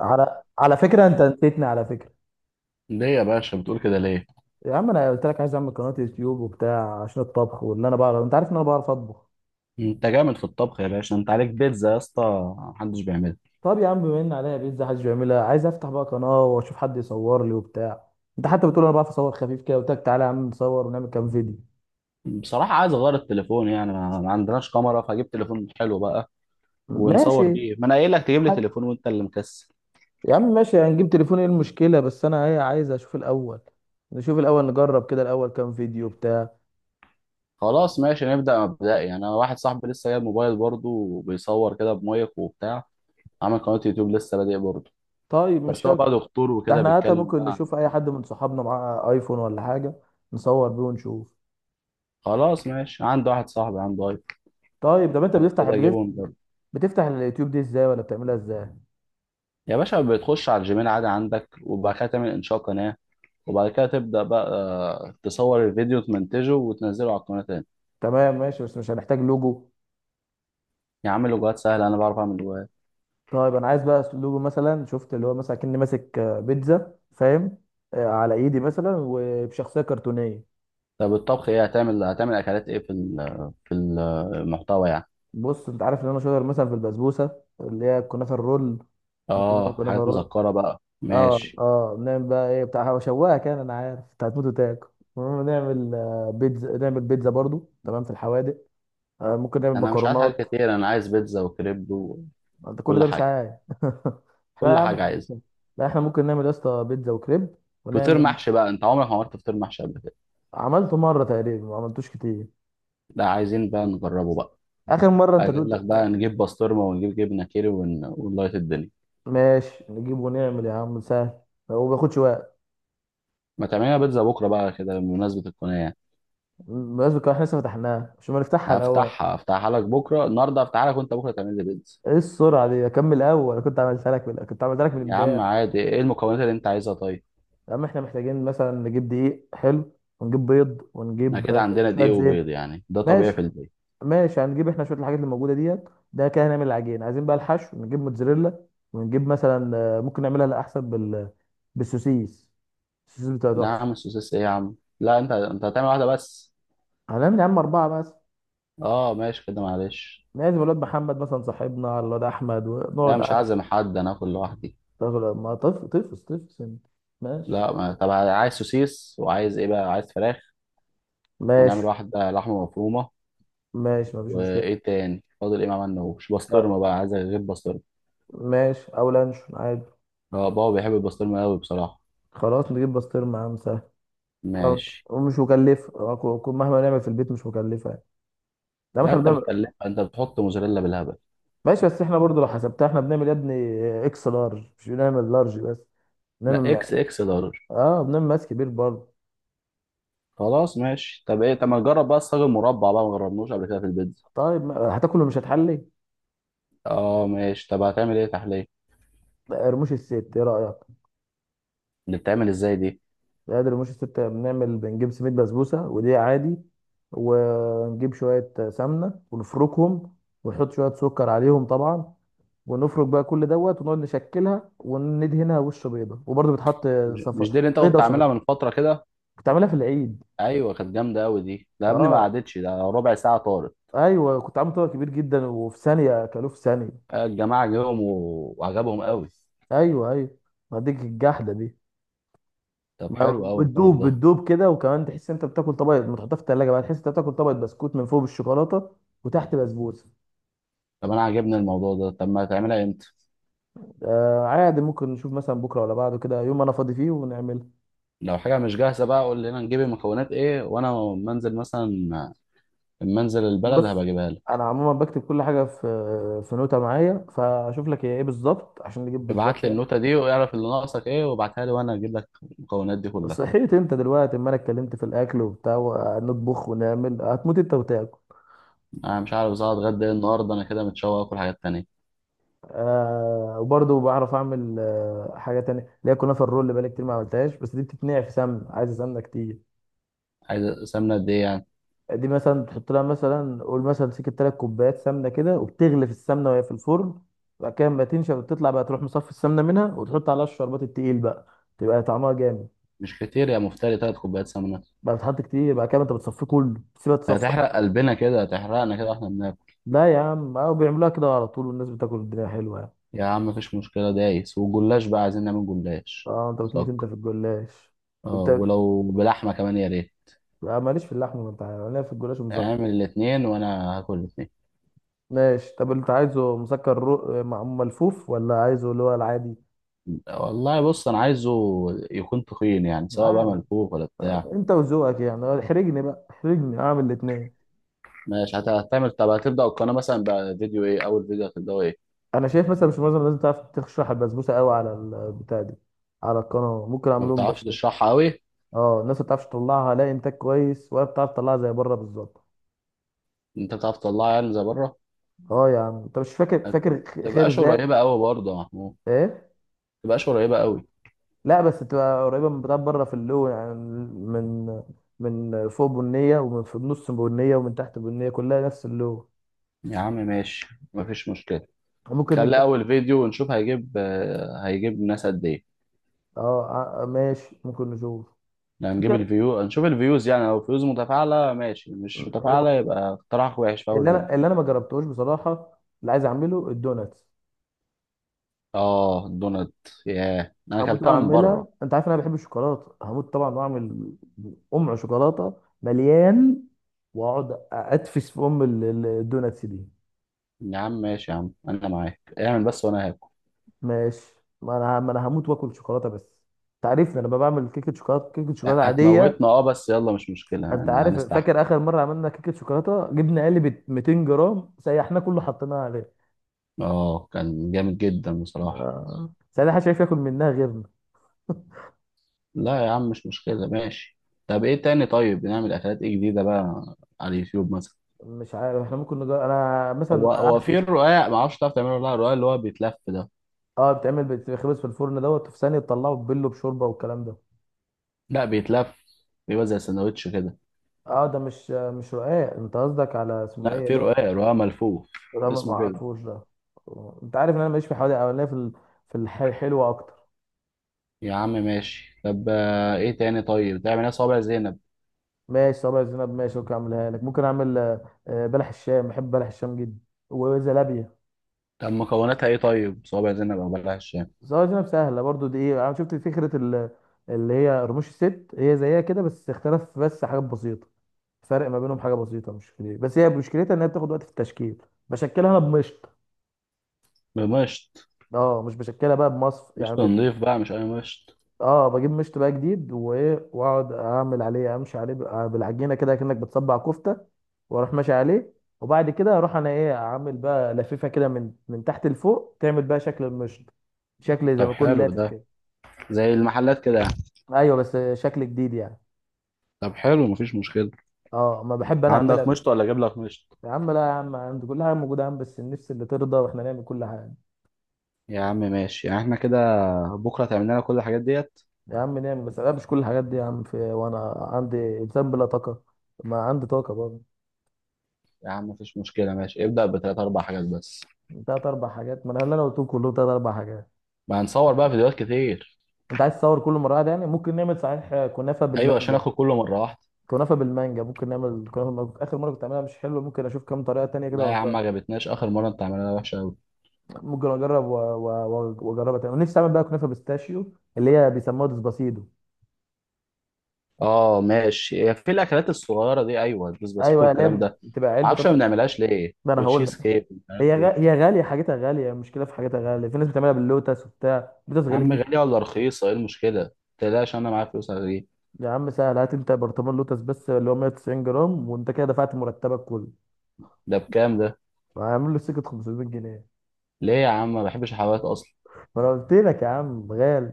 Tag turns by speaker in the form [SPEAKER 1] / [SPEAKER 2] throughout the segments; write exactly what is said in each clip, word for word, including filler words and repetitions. [SPEAKER 1] على على فكره، انت نسيتني على فكره.
[SPEAKER 2] ليه يا باشا بتقول كده ليه؟
[SPEAKER 1] يا عم انا قلت لك عايز اعمل قناه يوتيوب وبتاع عشان الطبخ، واللي انا بعرف انت عارف ان انا بعرف اطبخ.
[SPEAKER 2] انت جامد في الطبخ يا باشا، انت عليك بيتزا يا اسطى محدش بيعملها.
[SPEAKER 1] طب يا عم بما ان عليا بيتزا حدش بيعملها، عايز افتح بقى قناه واشوف حد يصور لي وبتاع. انت حتى بتقول انا بعرف اصور خفيف كده، قلت لك تعالى يا عم نصور ونعمل كام فيديو.
[SPEAKER 2] بصراحة عايز اغير التليفون، يعني ما ما عندناش كاميرا، فاجيب تليفون حلو بقى ونصور
[SPEAKER 1] ماشي.
[SPEAKER 2] بيه. ما انا قايل لك تجيب لي
[SPEAKER 1] حد.
[SPEAKER 2] تليفون وانت اللي مكسل.
[SPEAKER 1] يا عم ماشي هنجيب تليفون، ايه المشكله؟ بس انا ايه، عايز اشوف الاول. نشوف الاول نجرب كده الاول كام فيديو بتاع.
[SPEAKER 2] خلاص ماشي، نبدأ مبدئي يعني. انا واحد صاحبي لسه جايب موبايل برضه وبيصور كده بمايك وبتاع، عامل قناة يوتيوب لسه بادئ برضه.
[SPEAKER 1] طيب مش
[SPEAKER 2] بس هو
[SPEAKER 1] شرط.
[SPEAKER 2] بقى دكتور
[SPEAKER 1] ده
[SPEAKER 2] وكده
[SPEAKER 1] احنا حتى
[SPEAKER 2] بيتكلم
[SPEAKER 1] ممكن
[SPEAKER 2] بقى
[SPEAKER 1] نشوف اي
[SPEAKER 2] عن-
[SPEAKER 1] حد من صحابنا معاه ايفون ولا حاجه نصور بيه ونشوف.
[SPEAKER 2] خلاص ماشي، عنده واحد صاحبي عنده ايفون.
[SPEAKER 1] طيب، طب انت
[SPEAKER 2] لو
[SPEAKER 1] بتفتح
[SPEAKER 2] كده
[SPEAKER 1] بتف-
[SPEAKER 2] اجيبه من برضه.
[SPEAKER 1] بتفتح اليوتيوب دي ازاي؟ ولا بتعملها ازاي؟
[SPEAKER 2] يا باشا بتخش على الجيميل عادي عندك، وبعد كده تعمل انشاء قناة، وبعد كده تبدأ بقى آه، تصور الفيديو، تمنتجه وتنزله على القناة تاني.
[SPEAKER 1] تمام ماشي، بس مش هنحتاج لوجو؟
[SPEAKER 2] يا عم لغات سهلة، أنا بعرف أعمل لغات.
[SPEAKER 1] طيب انا عايز بقى لوجو مثلا، شفت اللي هو مثلا كأني ماسك آه، بيتزا، فاهم؟ آه، على ايدي مثلا وبشخصيه كرتونيه.
[SPEAKER 2] طب الطبخ إيه هتعمل؟ هتعمل أكلات إيه في ال- في المحتوى يعني؟
[SPEAKER 1] بص، انت عارف ان انا شاطر مثلا في البسبوسه اللي هي الكنافه الرول. ممكن نعمل
[SPEAKER 2] آه،
[SPEAKER 1] كنافه
[SPEAKER 2] حاجات
[SPEAKER 1] رول.
[SPEAKER 2] مسكرة بقى،
[SPEAKER 1] اه
[SPEAKER 2] ماشي.
[SPEAKER 1] اه نعمل بقى ايه بتاع شواها، كان انا عارف انت هتموت وتاكل. المهم نعمل آه، بيتزا، نعمل بيتزا برضو تمام في الحوادق. آه، ممكن نعمل
[SPEAKER 2] أنا مش عايز
[SPEAKER 1] مكرونات.
[SPEAKER 2] حاجات كتير، أنا عايز بيتزا وكريب
[SPEAKER 1] انت كل
[SPEAKER 2] وكل
[SPEAKER 1] ده مش
[SPEAKER 2] حاجة،
[SPEAKER 1] عارف احنا يا
[SPEAKER 2] كل
[SPEAKER 1] عم
[SPEAKER 2] حاجة
[SPEAKER 1] احنا
[SPEAKER 2] عايز.
[SPEAKER 1] لسه-. لا احنا ممكن نعمل يا اسطى بيتزا وكريب
[SPEAKER 2] فطير
[SPEAKER 1] ونعمل.
[SPEAKER 2] محشي بقى، أنت عمرك ما عملت فطير محشي قبل كده.
[SPEAKER 1] عملته مره تقريبا، ما عملتوش كتير.
[SPEAKER 2] لا عايزين بقى نجربه بقى.
[SPEAKER 1] اخر مره انت
[SPEAKER 2] أجيب
[SPEAKER 1] دوت.
[SPEAKER 2] لك بقى، نجيب بسطرمة ونجيب جبنة كيري ون- ونلايت الدنيا.
[SPEAKER 1] ماشي نجيب ونعمل يا عم سهل، هو ما بياخدش وقت.
[SPEAKER 2] ما تعملنا بيتزا بكرة بقى كده بمناسبة القناة يعني.
[SPEAKER 1] بالمناسبة كمان احنا لسه فتحناها؟ مش ما نفتحها الاول؟
[SPEAKER 2] هفتحها، هفتحها لك بكره، النهارده هفتحها لك وانت بكره تعمل لي بيتزا.
[SPEAKER 1] ايه السرعه دي، اكمل اول، كنت عملتها لك من... كنت عملتها لك من
[SPEAKER 2] يا عم
[SPEAKER 1] امبارح.
[SPEAKER 2] عادي، ايه المكونات اللي انت عايزها طيب؟
[SPEAKER 1] يا عم احنا محتاجين مثلا نجيب دقيق حلو، ونجيب بيض،
[SPEAKER 2] احنا
[SPEAKER 1] ونجيب
[SPEAKER 2] كده
[SPEAKER 1] آه،
[SPEAKER 2] عندنا
[SPEAKER 1] شويه
[SPEAKER 2] دقيق وبيض
[SPEAKER 1] زيت.
[SPEAKER 2] يعني، ده طبيعي
[SPEAKER 1] ماشي.
[SPEAKER 2] في البيت.
[SPEAKER 1] ماشي هنجيب احنا شويه الحاجات اللي موجوده ديت. ده كده هنعمل العجين، عايزين بقى الحشو نجيب موتزاريلا، ونجيب مثلا آه، ممكن نعملها، لا احسن بال بالسوسيس. السوسيس بتاع
[SPEAKER 2] لا يا
[SPEAKER 1] تحفه.
[SPEAKER 2] عم، السوسيس ايه يا عم؟ لا انت، انت هتعمل واحده بس.
[SPEAKER 1] هنعمل يا عم اربعه مثلا.
[SPEAKER 2] اه ماشي كده، معلش.
[SPEAKER 1] لازم الواد محمد مثلا صاحبنا على الواد احمد ونقعد
[SPEAKER 2] لا مش
[SPEAKER 1] قاعده.
[SPEAKER 2] عازم حد، انا اكل لوحدي.
[SPEAKER 1] تغل- ما طف طفس طفس انت. ماشي.
[SPEAKER 2] لا ما... طب عايز سوسيس وعايز ايه بقى؟ عايز فراخ، ونعمل
[SPEAKER 1] ماشي
[SPEAKER 2] واحده لحمه مفرومه.
[SPEAKER 1] ماشي مفيش مشكله.
[SPEAKER 2] وايه تاني فاضل؟ ايه ما عملناهوش؟
[SPEAKER 1] آه،
[SPEAKER 2] بسطرمه بقى، عايز غير بسطرمه.
[SPEAKER 1] ماشي او لانشون عادي.
[SPEAKER 2] اه بابا بيحب البسطرمه قوي بصراحه.
[SPEAKER 1] خلاص نجيب بسطرمه يا عم سهل. حلو.
[SPEAKER 2] ماشي.
[SPEAKER 1] ومش مكلفه، آه، كو- كو- مهما نعمل في البيت مش مكلفه يعني. لا ما
[SPEAKER 2] لا
[SPEAKER 1] احنا
[SPEAKER 2] انت
[SPEAKER 1] بنعمل.
[SPEAKER 2] بتكلم، انت بتحط موزاريلا بالهبل.
[SPEAKER 1] ماشي بس احنا برضو لو حسبتها احنا بنعمل يا ابني اكس لارج، مش بنعمل لارج بس.
[SPEAKER 2] لا
[SPEAKER 1] بنعمل.
[SPEAKER 2] اكس اكس لارج.
[SPEAKER 1] اه بنعمل ماس كبير برضو.
[SPEAKER 2] خلاص ماشي. طب ايه؟ طب ما نجرب بقى الصاج المربع بقى، ما جربناش قبل كده في البيتزا.
[SPEAKER 1] طيب، ما... هتاكل ومش هتحلي؟
[SPEAKER 2] اه ماشي، طب هتعمل ايه تحليه؟
[SPEAKER 1] لا، رموش الست ايه رايك؟
[SPEAKER 2] اللي بتعمل ازاي دي؟
[SPEAKER 1] لا، ده رموش الست، بنعمل بنجيب سميد بسبوسه ودي عادي، ونجيب شويه سمنه ونفركهم، ونحط شويه سكر عليهم طبعا، ونفرك بقى كل دوت ونقعد نشكلها وندهنها وش بيضه وبرضو بتحط.
[SPEAKER 2] مش
[SPEAKER 1] صف...
[SPEAKER 2] مش دي اللي انت
[SPEAKER 1] بيضه
[SPEAKER 2] كنت
[SPEAKER 1] صفا.
[SPEAKER 2] عاملها من فتره كده؟
[SPEAKER 1] بتعملها في العيد.
[SPEAKER 2] ايوه كانت جامده قوي دي، ده يا ابني ما
[SPEAKER 1] اه،
[SPEAKER 2] قعدتش ده ربع ساعه، طارت.
[SPEAKER 1] ايوه كنت عامل طبق كبير جدا وفي ثانيه اكلوه في ثانيه.
[SPEAKER 2] آه، الجماعه جيهم و... وعجبهم قوي.
[SPEAKER 1] ايوه ايوه. ما ديك الجحده دي.
[SPEAKER 2] طب حلو
[SPEAKER 1] ما-
[SPEAKER 2] قوي الحوار
[SPEAKER 1] بتدوب
[SPEAKER 2] ده.
[SPEAKER 1] بتدوب كده، وكمان تحس انت بتاكل طبق، ما تحطها في التلاجه بقى تحس انت بتاكل طبق بسكوت من فوق بالشوكولاته وتحت بسبوسه.
[SPEAKER 2] طب انا عاجبني الموضوع ده، طب ما هتعملها امتى؟
[SPEAKER 1] آه عادي، ممكن نشوف مثلا بكره ولا بعده كده يوم انا فاضي فيه ونعملها.
[SPEAKER 2] لو حاجه مش جاهزه بقى قول لي انا نجيب المكونات ايه، وانا منزل مثلا، منزل البلد
[SPEAKER 1] بص
[SPEAKER 2] هبقى اجيبها لك.
[SPEAKER 1] انا عموما بكتب كل حاجه في في نوته معايا، فاشوف لك هي ايه بالظبط عشان نجيب بالظبط
[SPEAKER 2] ابعت لي
[SPEAKER 1] يعني.
[SPEAKER 2] النوتة دي واعرف اللي ناقصك ايه، وابعتها لي وانا اجيب لك المكونات دي كلها.
[SPEAKER 1] صحيت انت دلوقتي اما انا اتكلمت في الاكل وبتاع ونطبخ ونعمل، هتموت انت وتاكل.
[SPEAKER 2] انا مش عارف ازاي اتغدى إيه النهارده، انا كده متشوق اكل حاجات تانية.
[SPEAKER 1] آه وبرضه بعرف اعمل آه حاجه تانية اللي هي كنافه الرول اللي بقالي كتير ما عملتهاش، بس دي بتتنقع في سمن، عايزه سمنه كتير.
[SPEAKER 2] عايز سمنة قد ايه يعني؟
[SPEAKER 1] دي مثلا تحط لها مثلا قول مثلا سكه تلات كوبايات سمنه كده، وبتغلي في السمنه وهي في الفرن، وبعد كده لما تنشف وتطلع بقى تروح مصفي السمنه منها، وتحط عليها الشربات التقيل بقى، تبقى طعمها جامد.
[SPEAKER 2] مش كتير يا مفتري، تلات كوبايات سمنة؟
[SPEAKER 1] بقى بتحط كتير بعد كده انت بتصفيه كله، تسيبها تصفى.
[SPEAKER 2] هتحرق قلبنا كده، هتحرقنا كده واحنا بناكل.
[SPEAKER 1] لا يا عم اه بيعملوها كده على طول والناس بتاكل، الدنيا حلوه يعني.
[SPEAKER 2] يا عم مفيش مشكلة، دايس. والجلاش بقى، عايزين نعمل جلاش.
[SPEAKER 1] اه انت بتموت انت
[SPEAKER 2] دق.
[SPEAKER 1] في الجلاش.
[SPEAKER 2] اه
[SPEAKER 1] انت
[SPEAKER 2] ولو بلحمة كمان يا ريت.
[SPEAKER 1] آه، ماليش في اللحمه، ما انت عارف. انا ليا في الجلاش ومسكر.
[SPEAKER 2] اعمل الاتنين وانا هاكل الاتنين.
[SPEAKER 1] ماشي، طب انت عايزه مسكر رو... مع- ملفوف ولا عايزه اللي هو العادي؟
[SPEAKER 2] والله بص انا عايزه يكون تخين يعني، سواء بقى
[SPEAKER 1] عادي.
[SPEAKER 2] ملفوف ولا بتاع.
[SPEAKER 1] انت وذوقك يعني، اه، احرجني بقى احرجني اعمل الاثنين.
[SPEAKER 2] ماشي، هت- هتعمل، طب هتبدأ القناة مثلا بفيديو ايه؟ أول فيديو هتبدأه ايه؟
[SPEAKER 1] انا شايف مثلا مش معظم الناس بتعرف تشرح البسبوسه قوي على البتاع دي، على القناه ممكن
[SPEAKER 2] ما
[SPEAKER 1] اعمل لهم
[SPEAKER 2] بتعرفش
[SPEAKER 1] بسبوسه.
[SPEAKER 2] تشرحها أوي؟
[SPEAKER 1] اه الناس ما بتعرفش تطلعها لا انتاج كويس ولا بتعرف تطلعها زي بره بالظبط.
[SPEAKER 2] أنت بتعرف تطلعها يعني زي بره؟
[SPEAKER 1] اه يا عم انت مش فاكر
[SPEAKER 2] ما
[SPEAKER 1] فاكر خ-
[SPEAKER 2] تبقاش
[SPEAKER 1] خرزان.
[SPEAKER 2] قريبة أوي برضه يا محمود، ما
[SPEAKER 1] ايه.
[SPEAKER 2] تبقاش قريبة أوي.
[SPEAKER 1] لا بس تبقى قريبه من بتاع بره في اللون، يعني من من فوق بنيه ومن في النص بنيه ومن تحت بنيه، كلها نفس اللون.
[SPEAKER 2] يا عم ماشي، مفيش مشكلة.
[SPEAKER 1] ممكن
[SPEAKER 2] خلي
[SPEAKER 1] نبدا.
[SPEAKER 2] أول فيديو ونشوف هيجيب، آه، هيجيب ناس قد ايه.
[SPEAKER 1] اه. آه، آه، ماشي ممكن نشوف.
[SPEAKER 2] يعني
[SPEAKER 1] في
[SPEAKER 2] هنجيب
[SPEAKER 1] ك-
[SPEAKER 2] الفيو، هنشوف الفيوز يعني. لو الفيوز متفاعلة ماشي، مش
[SPEAKER 1] هو
[SPEAKER 2] متفاعلة يبقى اقتراح وحش في أول
[SPEAKER 1] اللي
[SPEAKER 2] فيديو.
[SPEAKER 1] انا اللي انا ما جربتهوش بصراحه، اللي عايز اعمله الدوناتس.
[SPEAKER 2] اه الدونات، ياه أنا
[SPEAKER 1] هموت
[SPEAKER 2] أكلتها من
[SPEAKER 1] واعملها،
[SPEAKER 2] بره.
[SPEAKER 1] انت عارف إن انا بحب الشوكولاته، هموت طبعا واعمل ام شوكولاته مليان، واقعد ادفش في ام ال- ال- الدوناتس دي.
[SPEAKER 2] يا عم ماشي، يا عم أنا معاك، اعمل بس وأنا هاكل.
[SPEAKER 1] ماشي. ما انا ما انا هموت واكل شوكولاته بس. انت عارفني انا بعمل كيكه شوكولاته، كيكه شوكولاته عاديه.
[SPEAKER 2] هتموتنا اه، بس يلا مش مشكلة
[SPEAKER 1] انت
[SPEAKER 2] انا
[SPEAKER 1] عارف
[SPEAKER 2] هنستحمل.
[SPEAKER 1] فاكر اخر مره عملنا كيكه شوكولاته، جبنا علبه ميتين جرام سيحناه كله حطيناه عليه.
[SPEAKER 2] اه كان جامد جدا بصراحة.
[SPEAKER 1] آه. ساعتها محدش عارف ياكل منها غيرنا.
[SPEAKER 2] لا يا عم مش مشكلة، ماشي. طب ايه تاني طيب؟ بنعمل اكلات ايه جديدة بقى على اليوتيوب مثلا؟
[SPEAKER 1] مش عارف، احنا ممكن نجرب انا
[SPEAKER 2] هو
[SPEAKER 1] مثلا
[SPEAKER 2] هو
[SPEAKER 1] احسن.
[SPEAKER 2] في الرقاق، ما اعرفش تعرف تعمله ولا لا؟ الرقاق اللي هو بيتلف ده.
[SPEAKER 1] اه بتعمل بتخبز في الفرن دوت في ثانيه تطلعه تبله بشوربه والكلام ده.
[SPEAKER 2] لا بيتلف، بيبقى زي سندوتش كده.
[SPEAKER 1] اه ده مش مش رقاق، انت قصدك على اسمه
[SPEAKER 2] لا
[SPEAKER 1] ايه
[SPEAKER 2] في
[SPEAKER 1] اللي هو.
[SPEAKER 2] رقاق، رقاق ملفوف،
[SPEAKER 1] ده ما ما
[SPEAKER 2] اسمه كده.
[SPEAKER 1] اعرفوش ده. انت عارف ان انا ماليش في حوادق اولانيه في ال- في الح- الحلوه اكتر.
[SPEAKER 2] يا عم ماشي، طب آه، ايه تاني طيب؟ تعمل ايه؟ صوابع زينب؟
[SPEAKER 1] ماشي صابع الزينب، ماشي ممكن اعملها لك، ممكن اعمل آه، آه، بلح الشام، بحب بلح الشام جدا، وزلابيه.
[SPEAKER 2] طب مكوناتها ايه طيب؟ صوابع زينب او بلح الشام.
[SPEAKER 1] صابع الزينب سهله برضو، دي ايه انا شفت فكره ال- اللي هي رموش الست، هي زيها كده بس اختلف، بس حاجات بسيطه، فرق ما بينهم حاجه بسيطه مش كبير. بس هي مشكلتها ان هي بتاخد وقت في التشكيل، بشكلها انا بمشط.
[SPEAKER 2] بمشط.
[SPEAKER 1] اه مش بشكلها بقى بمصف يعني
[SPEAKER 2] مشط
[SPEAKER 1] ب...
[SPEAKER 2] نضيف بقى مش اي مشط.
[SPEAKER 1] اه بجيب مشط بقى جديد، وايه واقعد اعمل عليه امشي عليه بقى بالعجينه كده كانك بتصبع كفته، واروح ماشي عليه. وبعد كده اروح انا ايه اعمل بقى لفيفه كده من من تحت لفوق تعمل بقى شكل المشط، شكل زي
[SPEAKER 2] طب
[SPEAKER 1] ما يكون
[SPEAKER 2] حلو
[SPEAKER 1] لافف
[SPEAKER 2] ده،
[SPEAKER 1] كده.
[SPEAKER 2] زي المحلات كده يعني.
[SPEAKER 1] ايوه بس شكل جديد يعني.
[SPEAKER 2] طب حلو، مفيش مشكلة.
[SPEAKER 1] اه ما بحب انا اعملها
[SPEAKER 2] عندك
[SPEAKER 1] بش-
[SPEAKER 2] مشط ولا اجيب لك مشط؟
[SPEAKER 1] يا عم لا يا عم عندي كل حاجه موجوده يا عم، بس النفس اللي ترضى واحنا نعمل كل حاجه.
[SPEAKER 2] يا عم ماشي، يعني احنا كده بكرة تعمل لنا كل الحاجات ديت؟
[SPEAKER 1] يا عم نعم بس لا مش كل الحاجات دي يا عم، في وانا عندي انسان بلا طاقه، ما عندي طاقه برضه.
[SPEAKER 2] يا عم مفيش مشكلة، ماشي، ابدأ بتلات أربع حاجات بس.
[SPEAKER 1] تلات اربع حاجات، ما انا اللي انا قلتهم كلهم تلات اربع حاجات.
[SPEAKER 2] ما هنصور بقى فيديوهات كتير.
[SPEAKER 1] انت عايز تصور كل مره واحدة يعني، ممكن نعمل صحيح كنافه
[SPEAKER 2] أيوة، عشان
[SPEAKER 1] بالمانجا.
[SPEAKER 2] آخد كله مرة واحدة.
[SPEAKER 1] كنافه بالمانجا ممكن نعمل كنافه بالمانجا. اخر مره كنت عاملها مش حلوه، ممكن اشوف كام طريقه تانية كده
[SPEAKER 2] لا يا عم،
[SPEAKER 1] وأجرب.
[SPEAKER 2] ما عجبتناش آخر مرة، أنت عملها وحشة أوي.
[SPEAKER 1] ممكن اجرب و- و- و- واجربها تاني، ونفسي اعمل بقى كنافه بيستاشيو اللي هي بيسموها ديسباسيدو.
[SPEAKER 2] اه ماشي، هي في الأكلات الصغيرة دي أيوة، البيس بسيط
[SPEAKER 1] ايوه
[SPEAKER 2] والكلام
[SPEAKER 1] لا
[SPEAKER 2] ده.
[SPEAKER 1] بتبقى علبه
[SPEAKER 2] معرفش ما
[SPEAKER 1] طبعا.
[SPEAKER 2] بنعملهاش ليه،
[SPEAKER 1] ما انا هقول لك،
[SPEAKER 2] وتشيز كيك مش عارف
[SPEAKER 1] هي غ...
[SPEAKER 2] إيه.
[SPEAKER 1] هي غاليه، حاجتها غاليه، المشكله في حاجتها غاليه، في ناس بتعملها باللوتس وبتاع اللوتس
[SPEAKER 2] يا عم
[SPEAKER 1] غالي.
[SPEAKER 2] غالية ولا رخيصة إيه المشكلة؟ متقلقش أنا معايا فلوس، هجيب.
[SPEAKER 1] يا عم سهل، هات انت برطمان لوتس بس اللي هو مئة وتسعين جرام، وانت كده دفعت مرتبك كله.
[SPEAKER 2] ده بكام ده؟
[SPEAKER 1] هعمل له سكه خمسميه جنيه.
[SPEAKER 2] ليه يا عم ما بحبش الحلويات أصلا؟
[SPEAKER 1] ما انا قلت لك يا عم غالي،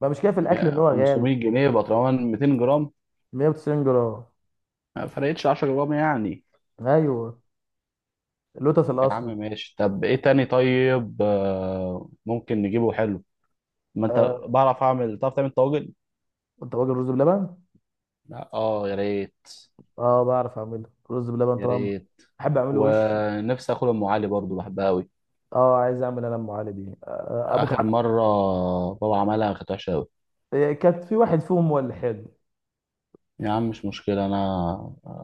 [SPEAKER 1] ما مش كده في الاكل ان هو غالي.
[SPEAKER 2] خمسميه جنيه بطرمان ميتين جرام؟
[SPEAKER 1] مية وتسعين جرام.
[SPEAKER 2] ما فرقتش عشرة جرام يعني.
[SPEAKER 1] ايوه. اللوتس
[SPEAKER 2] يا عم
[SPEAKER 1] الاصلي.
[SPEAKER 2] ماشي، طب ايه تاني طيب؟ آه، ممكن نجيبه حلو. ما انت
[SPEAKER 1] آه.
[SPEAKER 2] بعرف اعمل، تعرف تعمل طواجن؟
[SPEAKER 1] انت واجد رز بلبن.
[SPEAKER 2] لا اه يا ريت،
[SPEAKER 1] اه بعرف اعمله رز بلبن
[SPEAKER 2] يا
[SPEAKER 1] طبعا.
[SPEAKER 2] ريت.
[SPEAKER 1] بحب اعمله وش.
[SPEAKER 2] ونفسي اكل ام علي برضو، بحبها قوي.
[SPEAKER 1] اه عايز اعمل انا ام علي دي آه ابوك
[SPEAKER 2] اخر
[SPEAKER 1] ع...
[SPEAKER 2] مره بابا عملها كانت وحشه قوي.
[SPEAKER 1] آه، كانت في واحد فيهم هو اللي حلو.
[SPEAKER 2] يا عم مش مشكله، انا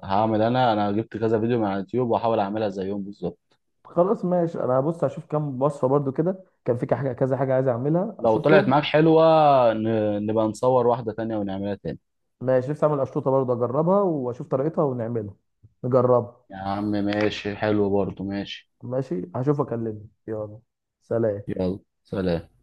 [SPEAKER 2] هعمل انا انا جبت كذا فيديو من على اليوتيوب واحاول اعملها زيهم بالظبط.
[SPEAKER 1] خلاص ماشي انا هبص اشوف كام وصفه برضو كده، كان في حاجه كذا حاجه عايز اعملها
[SPEAKER 2] لو طلعت
[SPEAKER 1] اشوفهم.
[SPEAKER 2] معاك حلوه ن- نبقى نصور واحده تانية ونعملها تاني.
[SPEAKER 1] ماشي نفسي اعمل اشطوطه برضه اجربها واشوف طريقتها ونعملها. نجربها.
[SPEAKER 2] يا عم ماشي، حلو برضه، ماشي.
[SPEAKER 1] ماشي هشوف اكلمك. يلا سلام.
[SPEAKER 2] يلا سلام.